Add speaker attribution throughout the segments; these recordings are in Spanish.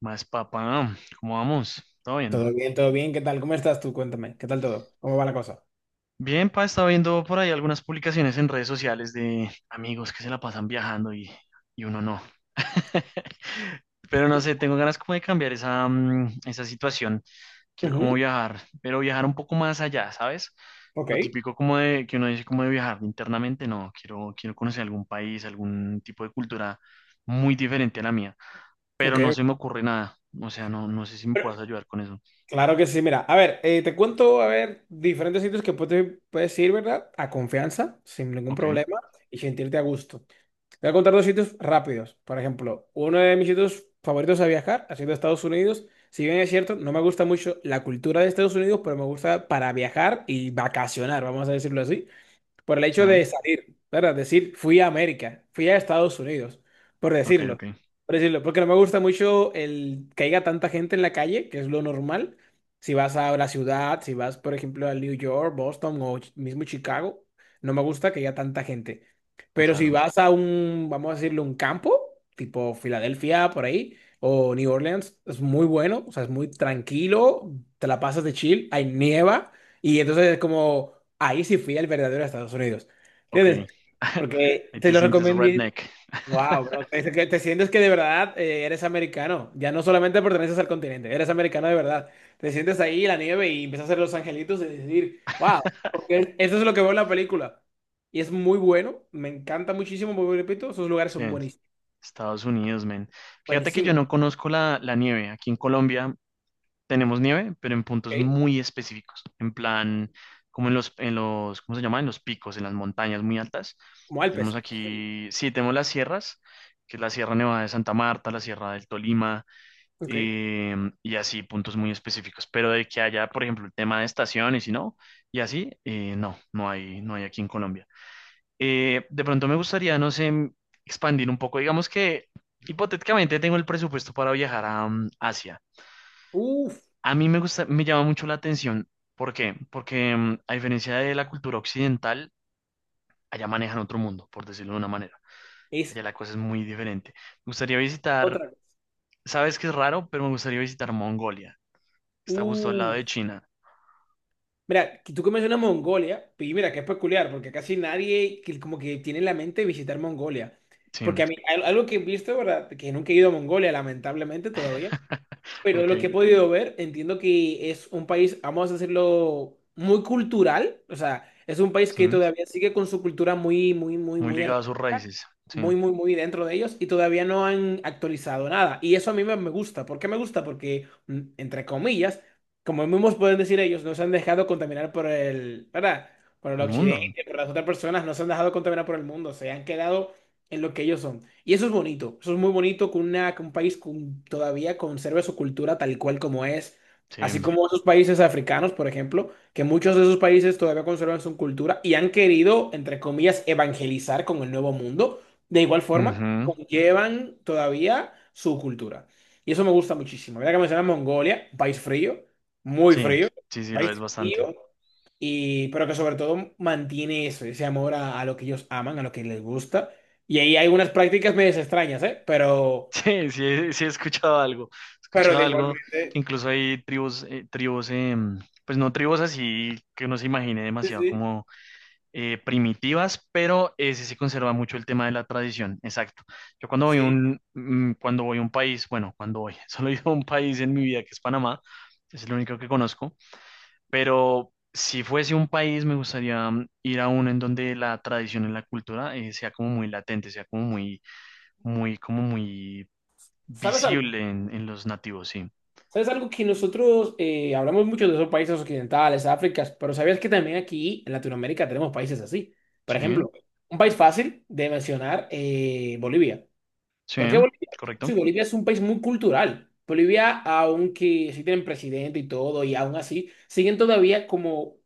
Speaker 1: Más papá, ¿cómo vamos? ¿Todo bien?
Speaker 2: Todo bien, todo bien. ¿Qué tal? ¿Cómo estás tú? Cuéntame. ¿Qué tal todo? ¿Cómo va la cosa?
Speaker 1: Bien, pa, estaba viendo por ahí algunas publicaciones en redes sociales de amigos que se la pasan viajando y uno no. Pero no sé, tengo ganas como de cambiar esa situación. Quiero como
Speaker 2: Ujú.
Speaker 1: viajar, pero viajar un poco más allá, ¿sabes?
Speaker 2: Ok,
Speaker 1: Lo típico como de que uno dice como de viajar internamente, no, quiero conocer algún país, algún tipo de cultura muy diferente a la mía, pero
Speaker 2: ok.
Speaker 1: no se me ocurre nada. O sea, no, no sé si me puedas ayudar con eso.
Speaker 2: Claro que sí. Mira, a ver, te cuento, a ver, diferentes sitios que puedes ir, ¿verdad? A confianza, sin ningún
Speaker 1: Ok,
Speaker 2: problema y sentirte a gusto. Te voy a contar dos sitios rápidos. Por ejemplo, uno de mis sitios favoritos a viajar ha sido Estados Unidos. Si bien es cierto, no me gusta mucho la cultura de Estados Unidos, pero me gusta para viajar y vacacionar, vamos a decirlo así. Por el
Speaker 1: sí.
Speaker 2: hecho de salir, ¿verdad? Decir, fui a América, fui a Estados Unidos, por
Speaker 1: Ok, ok,
Speaker 2: decirlo. Por decirlo, porque no me gusta mucho el que haya tanta gente en la calle, que es lo normal. Si vas a la ciudad, si vas, por ejemplo, a New York, Boston o mismo Chicago, no me gusta que haya tanta gente. Pero si
Speaker 1: claro,
Speaker 2: vas a un, vamos a decirlo, un campo, tipo Filadelfia, por ahí, o New Orleans, es muy bueno, o sea, es muy tranquilo, te la pasas de chill, hay nieva. Y entonces es como, ahí sí fui al verdadero Estados Unidos.
Speaker 1: ok.
Speaker 2: ¿Entiendes? Porque
Speaker 1: Ahí
Speaker 2: te
Speaker 1: te
Speaker 2: lo
Speaker 1: sientes
Speaker 2: recomendé.
Speaker 1: redneck.
Speaker 2: Wow, bro. Te, que te sientes que de verdad eres americano. Ya no solamente perteneces al continente, eres americano de verdad. Te sientes ahí en la nieve y empiezas a hacer los angelitos y decir, wow, porque eso es lo que veo en la película. Y es muy bueno, me encanta muchísimo, porque repito, esos lugares
Speaker 1: Sí,
Speaker 2: son buenísimos.
Speaker 1: Estados Unidos, men. Fíjate que yo
Speaker 2: Buenísimos,
Speaker 1: no conozco la nieve. Aquí en Colombia tenemos nieve, pero en
Speaker 2: ¿ok?
Speaker 1: puntos muy específicos. En plan, como en los, ¿cómo se llama? En los picos, en las montañas muy altas.
Speaker 2: Como Alpes,
Speaker 1: Tenemos
Speaker 2: cosas así.
Speaker 1: aquí, sí, tenemos las sierras, que es la Sierra Nevada de Santa Marta, la Sierra del Tolima,
Speaker 2: Ok.
Speaker 1: eh, y así puntos muy específicos. Pero de que haya, por ejemplo, el tema de estaciones y si no, y así, no, no hay aquí en Colombia. De pronto me gustaría, no sé, expandir un poco. Digamos que hipotéticamente tengo el presupuesto para viajar a Asia.
Speaker 2: Uf,
Speaker 1: A mí me gusta, me llama mucho la atención. ¿Por qué? Porque a diferencia de la cultura occidental, allá manejan otro mundo, por decirlo de una manera.
Speaker 2: es
Speaker 1: Allá la cosa es muy diferente. Me gustaría visitar,
Speaker 2: otra cosa.
Speaker 1: sabes que es raro, pero me gustaría visitar Mongolia. Está justo al lado
Speaker 2: Uf.
Speaker 1: de China.
Speaker 2: Mira, que tú que mencionas Mongolia, pues, y mira, que es peculiar, porque casi nadie que como que tiene en la mente visitar Mongolia. Porque
Speaker 1: Sí.
Speaker 2: a mí, algo que he visto, ¿verdad? Que nunca he ido a Mongolia, lamentablemente todavía, pero lo que
Speaker 1: Ok,
Speaker 2: he podido ver, entiendo que es un país, vamos a decirlo, muy cultural, o sea, es un país que
Speaker 1: sí.
Speaker 2: todavía sigue con su cultura muy, muy, muy,
Speaker 1: Muy
Speaker 2: muy
Speaker 1: ligado a sus raíces. Sí.
Speaker 2: muy, muy, muy dentro de ellos y todavía no han actualizado nada. Y eso a mí me gusta. ¿Por qué me gusta? Porque, entre comillas, como mismos pueden decir ellos, no se han dejado contaminar por el, ¿verdad? Por el
Speaker 1: El mundo.
Speaker 2: occidente, por las otras personas, no se han dejado contaminar por el mundo, se han quedado en lo que ellos son. Y eso es bonito, eso es muy bonito que, una, que un país todavía conserve su cultura tal cual como es. Así
Speaker 1: Sí.
Speaker 2: como esos países africanos, por ejemplo, que muchos de esos países todavía conservan su cultura y han querido, entre comillas, evangelizar con el nuevo mundo de igual forma,
Speaker 1: Ujú,
Speaker 2: conllevan todavía su cultura. Y eso me gusta muchísimo. Mira que mencionas Mongolia, un país frío, muy
Speaker 1: sí,
Speaker 2: frío,
Speaker 1: sí, sí, lo
Speaker 2: país
Speaker 1: es bastante.
Speaker 2: frío, y, pero que sobre todo mantiene eso, ese amor a lo que ellos aman, a lo que les gusta. Y ahí hay unas prácticas medio extrañas, ¿eh?
Speaker 1: Sí, sí, sí he escuchado algo. He
Speaker 2: Pero
Speaker 1: escuchado
Speaker 2: de
Speaker 1: algo que
Speaker 2: igualmente.
Speaker 1: incluso hay tribus, pues no tribus así que uno se imagine
Speaker 2: Sí,
Speaker 1: demasiado
Speaker 2: sí.
Speaker 1: como primitivas, pero sí se conserva mucho el tema de la tradición. Exacto. Yo cuando voy a
Speaker 2: Sí.
Speaker 1: un, mm, cuando voy a un país, bueno, cuando voy, solo he ido a un país en mi vida que es Panamá, es el único que conozco. Pero si fuese un país, me gustaría ir a uno en donde la tradición y la cultura sea como muy latente, sea como muy, muy, como muy
Speaker 2: ¿Sabes algo?
Speaker 1: visible en los nativos, sí.
Speaker 2: ¿Sabes algo que nosotros hablamos mucho de esos países occidentales, África, pero sabías que también aquí en Latinoamérica tenemos países así? Por
Speaker 1: Sí,
Speaker 2: ejemplo, un país fácil de mencionar, Bolivia.
Speaker 1: sí,
Speaker 2: ¿Por qué Bolivia?
Speaker 1: correcto.
Speaker 2: Sí, Bolivia es un país muy cultural. Bolivia, aunque sí tienen presidente y todo, y aún así, siguen todavía como,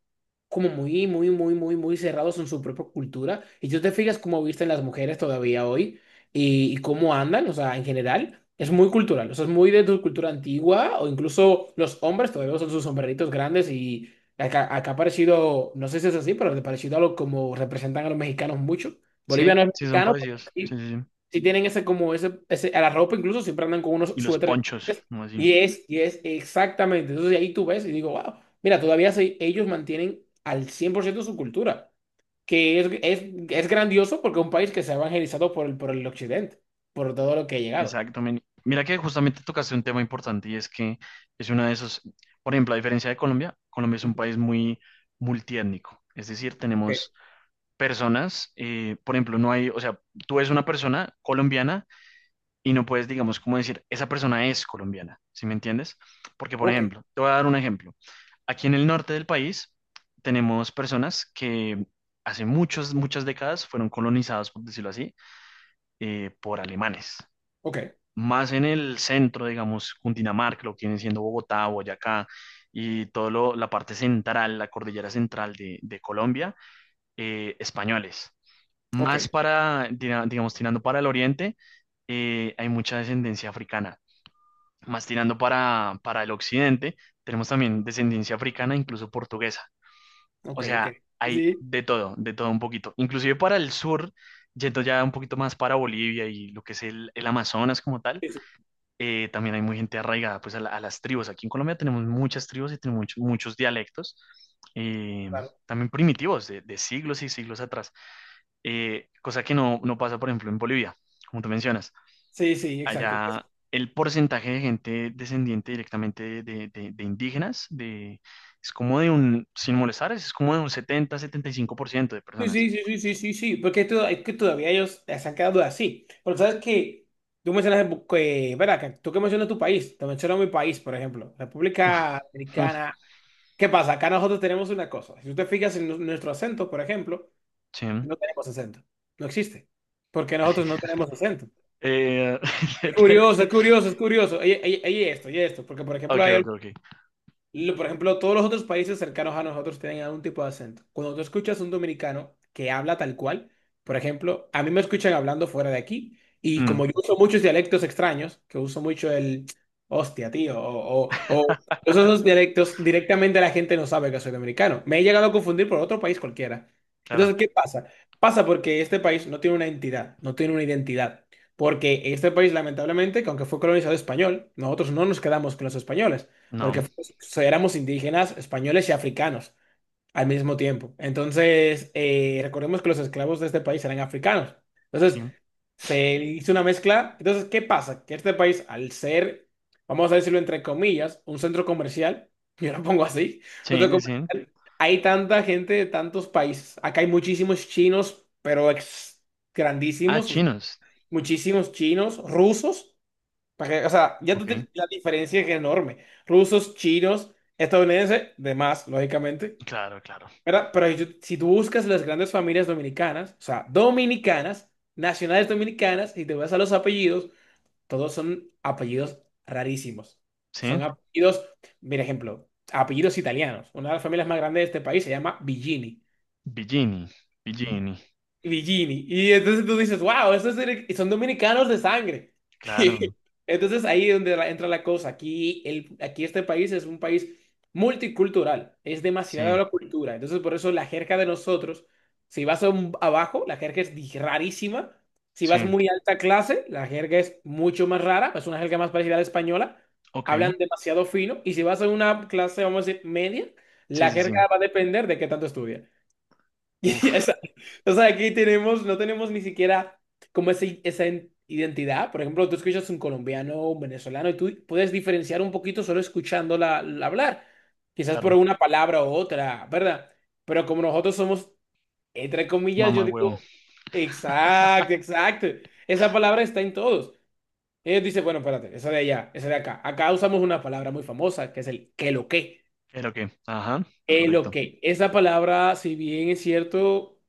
Speaker 2: como muy, muy, muy, muy, muy cerrados en su propia cultura. Y si tú te fijas cómo visten las mujeres todavía hoy y cómo andan, o sea, en general, es muy cultural. O sea, es muy de tu cultura antigua, o incluso los hombres todavía son sus sombreritos grandes y acá ha parecido, no sé si es así, pero ha parecido a lo como representan a los mexicanos mucho. Bolivia
Speaker 1: Sí,
Speaker 2: no es
Speaker 1: sí, son
Speaker 2: mexicano, pero
Speaker 1: parecidos. Sí,
Speaker 2: sí
Speaker 1: sí, sí.
Speaker 2: si tienen ese como a la ropa incluso siempre andan con unos
Speaker 1: Y los
Speaker 2: suéteres
Speaker 1: ponchos,
Speaker 2: elegantes.
Speaker 1: no así.
Speaker 2: Y es exactamente, entonces ahí tú ves y digo, wow, mira, todavía ellos mantienen al 100% su cultura, que es grandioso, porque es un país que se ha evangelizado por el, occidente, por todo lo que ha llegado.
Speaker 1: Exacto. Men. Mira que justamente tocaste un tema importante y es que es uno de esos, por ejemplo, a diferencia de Colombia, Colombia es un
Speaker 2: Ujú.
Speaker 1: país muy multiétnico. Es decir, tenemos personas, por ejemplo, no hay, o sea, tú ves una persona colombiana y no puedes, digamos, como decir, esa persona es colombiana, ¿sí me entiendes? Porque, por
Speaker 2: Ok,
Speaker 1: ejemplo, te voy a dar un ejemplo. Aquí en el norte del país tenemos personas que hace muchas, muchas décadas fueron colonizadas, por decirlo así, por alemanes.
Speaker 2: ok,
Speaker 1: Más en el centro, digamos, Cundinamarca, lo que viene siendo Bogotá, Boyacá y toda la parte central, la cordillera central de Colombia, españoles.
Speaker 2: ok, ok,
Speaker 1: Más para, digamos, tirando para el oriente, hay mucha descendencia africana. Más tirando para el occidente, tenemos también descendencia africana, incluso portuguesa. O
Speaker 2: ok, ok.
Speaker 1: sea, hay
Speaker 2: Sí,
Speaker 1: de todo un poquito. Inclusive para el sur, yendo ya un poquito más para Bolivia y lo que es el Amazonas como tal,
Speaker 2: sí, sí,
Speaker 1: eh, también hay muy gente arraigada pues a las tribus. Aquí en Colombia tenemos muchas tribus y tenemos muchos, muchos dialectos, eh,
Speaker 2: claro.
Speaker 1: también primitivos, de siglos y siglos atrás, cosa que no, no pasa, por ejemplo, en Bolivia, como tú mencionas.
Speaker 2: Sí, sí, exacto.
Speaker 1: Allá el porcentaje de gente descendiente directamente de indígenas es como de un, sin molestar, es como de un 70-75% de
Speaker 2: Sí,
Speaker 1: personas.
Speaker 2: sí, sí, sí, sí, sí, sí, porque es que todavía ellos se han quedado así. Pero sabes que tú mencionas, que, ven acá, tú que mencionas tu país, te menciono mi país, por ejemplo,
Speaker 1: Uf,
Speaker 2: República
Speaker 1: mm,
Speaker 2: Dominicana. ¿Qué pasa? Acá nosotros tenemos una cosa. Si tú te fijas en nuestro acento, por ejemplo,
Speaker 1: sí.
Speaker 2: no tenemos acento. No existe. Porque nosotros no tenemos acento.
Speaker 1: Eh,
Speaker 2: Es curioso, es curioso, es curioso. Oye, oye, oye esto, oye esto. Porque, por ejemplo,
Speaker 1: ok,
Speaker 2: hay
Speaker 1: ok, ok.
Speaker 2: por ejemplo, todos los otros países cercanos a nosotros tienen algún tipo de acento. Cuando tú escuchas un dominicano que habla tal cual, por ejemplo, a mí me escuchan hablando fuera de aquí y
Speaker 1: Mm,
Speaker 2: como yo uso muchos dialectos extraños, que uso mucho el hostia, tío, o todos esos dialectos, directamente la gente no sabe que soy dominicano. Me he llegado a confundir por otro país cualquiera.
Speaker 1: claro,
Speaker 2: Entonces, ¿qué pasa? Pasa porque este país no tiene una entidad, no tiene una identidad. Porque este país, lamentablemente, que aunque fue colonizado español, nosotros no nos quedamos con los españoles porque
Speaker 1: no,
Speaker 2: pues, éramos indígenas, españoles y africanos al mismo tiempo. Entonces, recordemos que los esclavos de este país eran africanos.
Speaker 1: sí,
Speaker 2: Entonces, se hizo una mezcla. Entonces, ¿qué pasa? Que este país, al ser, vamos a decirlo entre comillas, un centro comercial, yo lo pongo así, un
Speaker 1: sí,
Speaker 2: centro
Speaker 1: sí.
Speaker 2: comercial, hay tanta gente de tantos países. Acá hay muchísimos chinos, pero
Speaker 1: Ah,
Speaker 2: grandísimos, o sea,
Speaker 1: chinos,
Speaker 2: muchísimos chinos, rusos. O sea, ya tú
Speaker 1: ok,
Speaker 2: la diferencia es enorme. Rusos, chinos, estadounidenses, demás, lógicamente.
Speaker 1: claro, claro,
Speaker 2: ¿Verdad? Pero si tú buscas las grandes familias dominicanas, o sea, dominicanas, nacionales dominicanas, y te vas a los apellidos, todos son apellidos rarísimos.
Speaker 1: sí.
Speaker 2: Son apellidos, mira ejemplo, apellidos italianos. Una de las familias más grandes de este país se llama Villini.
Speaker 1: Billini, Billini,
Speaker 2: Villini. Y entonces tú dices, wow, esos son dominicanos de sangre.
Speaker 1: claro,
Speaker 2: Y entonces ahí es donde entra la cosa. Aquí este país es un país multicultural. Es demasiada
Speaker 1: sí,
Speaker 2: la cultura. Entonces por eso la jerga de nosotros, si vas a abajo, la jerga es rarísima. Si vas
Speaker 1: sí,
Speaker 2: muy alta clase, la jerga es mucho más rara. Es una jerga más parecida a la española.
Speaker 1: ok,
Speaker 2: Hablan demasiado fino. Y si vas a una clase, vamos a decir, media,
Speaker 1: sí,
Speaker 2: la
Speaker 1: sí, sí.
Speaker 2: jerga va a depender de qué tanto estudias. Y
Speaker 1: Uf.
Speaker 2: o sea, aquí tenemos, no tenemos ni siquiera como esa identidad. Por ejemplo, tú escuchas un colombiano o un venezolano y tú puedes diferenciar un poquito solo escuchándola la hablar. Quizás por
Speaker 1: Claro,
Speaker 2: una palabra u otra, ¿verdad? Pero como nosotros somos, entre comillas, yo
Speaker 1: mamá huevo.
Speaker 2: digo, exacto, exacto. Esa palabra está en todos. Ellos dicen, bueno, espérate, esa de allá, esa de acá. Acá usamos una palabra muy famosa que es el que lo que.
Speaker 1: ¿Pero qué? Ajá,
Speaker 2: Que lo
Speaker 1: correcto.
Speaker 2: que. Esa palabra, si bien es cierto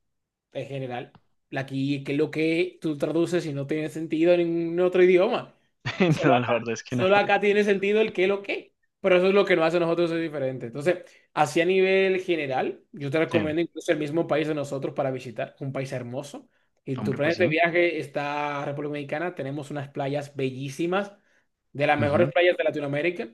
Speaker 2: en general. Aquí, que es lo que tú traduces y no tiene sentido en ningún otro idioma. Solo
Speaker 1: No, la
Speaker 2: acá.
Speaker 1: verdad es que no.
Speaker 2: Solo acá tiene sentido el qué, lo que. Pero eso es lo que nos hace a nosotros ser diferente. Entonces, así a nivel general, yo te
Speaker 1: Sí,
Speaker 2: recomiendo incluso el mismo país de nosotros para visitar, un país hermoso. En tu
Speaker 1: hombre, pues
Speaker 2: planeta
Speaker 1: sí.
Speaker 2: de viaje está República Dominicana, tenemos unas playas bellísimas, de las mejores
Speaker 1: Ujú,
Speaker 2: playas de Latinoamérica.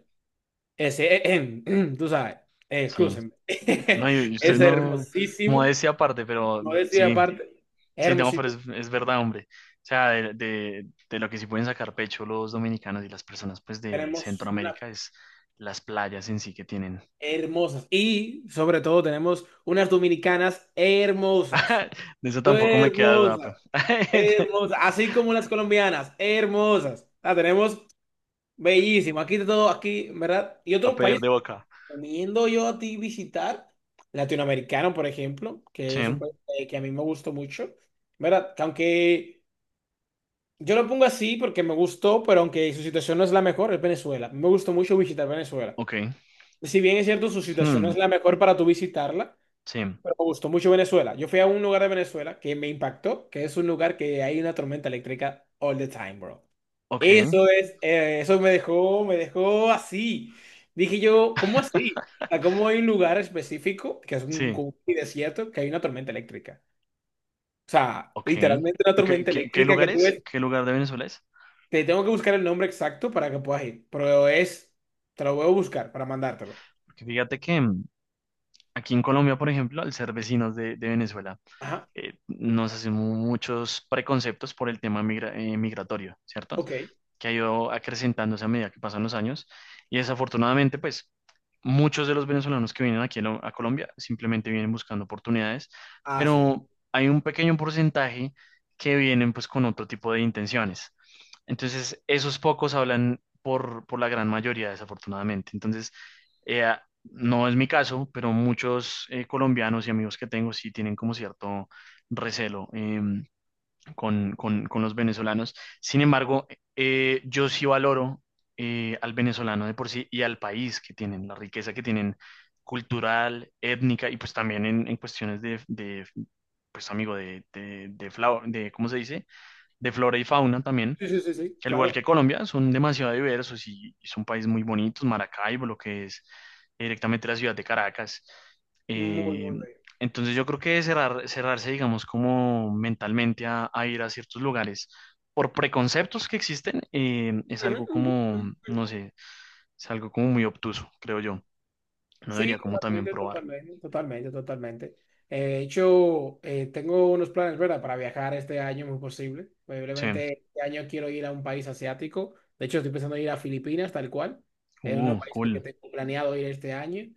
Speaker 2: Ese, tú sabes,
Speaker 1: sí.
Speaker 2: excúsenme.
Speaker 1: No, y ustedes
Speaker 2: Es
Speaker 1: no,
Speaker 2: hermosísimo.
Speaker 1: modestia aparte, pero
Speaker 2: No decía
Speaker 1: sí,
Speaker 2: aparte,
Speaker 1: sí, no, pero
Speaker 2: hermosísimo,
Speaker 1: es verdad, hombre. O sea, de lo que sí pueden sacar pecho los dominicanos y las personas, pues, de
Speaker 2: tenemos
Speaker 1: Centroamérica es las playas en sí que tienen.
Speaker 2: hermosas y sobre todo tenemos unas dominicanas hermosas,
Speaker 1: De eso tampoco me queda duda,
Speaker 2: Hermosas, hermosas, así como las colombianas, hermosas. La tenemos bellísimo, aquí de todo, aquí, ¿verdad? Y
Speaker 1: A
Speaker 2: otros
Speaker 1: pedir
Speaker 2: países
Speaker 1: de
Speaker 2: que
Speaker 1: boca.
Speaker 2: recomiendo yo a ti visitar, latinoamericano, por ejemplo,
Speaker 1: Sí,
Speaker 2: que es un país que a mí me gustó mucho, ¿verdad? Que aunque yo lo pongo así porque me gustó, pero aunque su situación no es la mejor, es Venezuela. Me gustó mucho visitar Venezuela.
Speaker 1: ok.
Speaker 2: Si bien es cierto, su situación no
Speaker 1: Hmm,
Speaker 2: es la mejor para tú visitarla,
Speaker 1: sí,
Speaker 2: pero me gustó mucho Venezuela. Yo fui a un lugar de Venezuela que me impactó, que es un lugar que hay una tormenta eléctrica all the time, bro.
Speaker 1: ok,
Speaker 2: Eso es, eso me dejó así. Dije yo, ¿cómo así? O sea, ¿cómo hay un lugar específico, que es un,
Speaker 1: sí.
Speaker 2: como un desierto, que hay una tormenta eléctrica? O sea,
Speaker 1: Ok.
Speaker 2: literalmente una
Speaker 1: ¿Y qué,
Speaker 2: tormenta
Speaker 1: qué, qué
Speaker 2: eléctrica que
Speaker 1: lugar
Speaker 2: tú
Speaker 1: es?
Speaker 2: ves,
Speaker 1: ¿Qué lugar de Venezuela es?
Speaker 2: te tengo que buscar el nombre exacto para que puedas ir, pero es, te lo voy a buscar para mandártelo.
Speaker 1: Porque fíjate que aquí en Colombia, por ejemplo, al ser vecinos de Venezuela,
Speaker 2: Ajá,
Speaker 1: nos hacemos muchos preconceptos por el tema migratorio, ¿cierto?
Speaker 2: ok.
Speaker 1: Que ha ido acrecentándose a medida que pasan los años. Y desafortunadamente, pues muchos de los venezolanos que vienen aquí a Colombia simplemente vienen buscando oportunidades,
Speaker 2: Ah, sí.
Speaker 1: pero hay un pequeño porcentaje que vienen pues con otro tipo de intenciones. Entonces, esos pocos hablan por la gran mayoría, desafortunadamente. Entonces, no es mi caso, pero muchos colombianos y amigos que tengo sí tienen como cierto recelo, con, con los venezolanos. Sin embargo, yo sí valoro al venezolano de por sí y al país que tienen, la riqueza que tienen cultural, étnica y pues también en cuestiones pues amigo, ¿cómo se dice? De flora y fauna también
Speaker 2: Sí, sí, sí, sí,
Speaker 1: al igual
Speaker 2: claro.
Speaker 1: que Colombia, son demasiado diversos y son países muy bonitos, Maracaibo, lo que es directamente la ciudad de Caracas.
Speaker 2: Muy,
Speaker 1: Eh,
Speaker 2: muy bien.
Speaker 1: entonces yo creo que cerrarse, digamos, como mentalmente a ir a ciertos lugares por preconceptos que existen, es
Speaker 2: Ujú,
Speaker 1: algo
Speaker 2: ujú,
Speaker 1: como,
Speaker 2: ujú.
Speaker 1: no sé, es algo como muy obtuso, creo yo. No debería
Speaker 2: Sí,
Speaker 1: como también
Speaker 2: totalmente,
Speaker 1: probar.
Speaker 2: totalmente, totalmente, totalmente. De hecho, tengo unos planes, ¿verdad? Para viajar este año, muy posible.
Speaker 1: Sí.
Speaker 2: Probablemente este año quiero ir a un país asiático. De hecho, estoy pensando en ir a Filipinas, tal cual. Es uno de los
Speaker 1: Uh,
Speaker 2: países que
Speaker 1: cool.
Speaker 2: tengo planeado ir este año.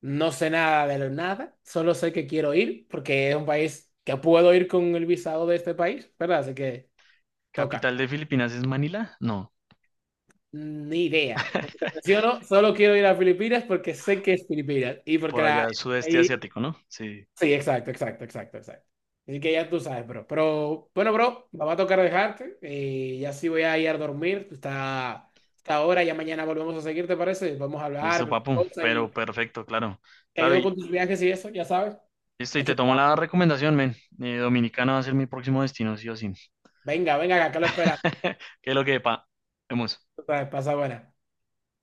Speaker 2: No sé nada de nada, solo sé que quiero ir porque es un país que puedo ir con el visado de este país, ¿verdad? Así que toca.
Speaker 1: ¿Capital de Filipinas es Manila? No,
Speaker 2: Ni idea. Como te menciono, solo quiero ir a Filipinas porque sé que es Filipinas. Y porque
Speaker 1: por allá sudeste
Speaker 2: y-
Speaker 1: asiático, ¿no? Sí.
Speaker 2: sí, exacto, exacto, exacto, exacto. Así que ya tú sabes, bro. Pero bueno, bro, me va a tocar dejarte. Ya sí voy a ir a dormir. Tú está ahora, ya mañana volvemos a seguir, ¿te parece? Vamos a hablar,
Speaker 1: Listo,
Speaker 2: cualquier
Speaker 1: papu,
Speaker 2: cosa
Speaker 1: pero
Speaker 2: y
Speaker 1: perfecto, claro.
Speaker 2: te
Speaker 1: Claro,
Speaker 2: ayudo
Speaker 1: y
Speaker 2: con tus viajes y eso, ya sabes.
Speaker 1: listo, y
Speaker 2: Aquí
Speaker 1: te
Speaker 2: está.
Speaker 1: tomo la recomendación, men. Dominicana va a ser mi próximo destino, sí o sí.
Speaker 2: Venga, venga, acá lo esperamos.
Speaker 1: ¿Qué es lo que, pa? Vemos.
Speaker 2: Tú sabes, pasa buena.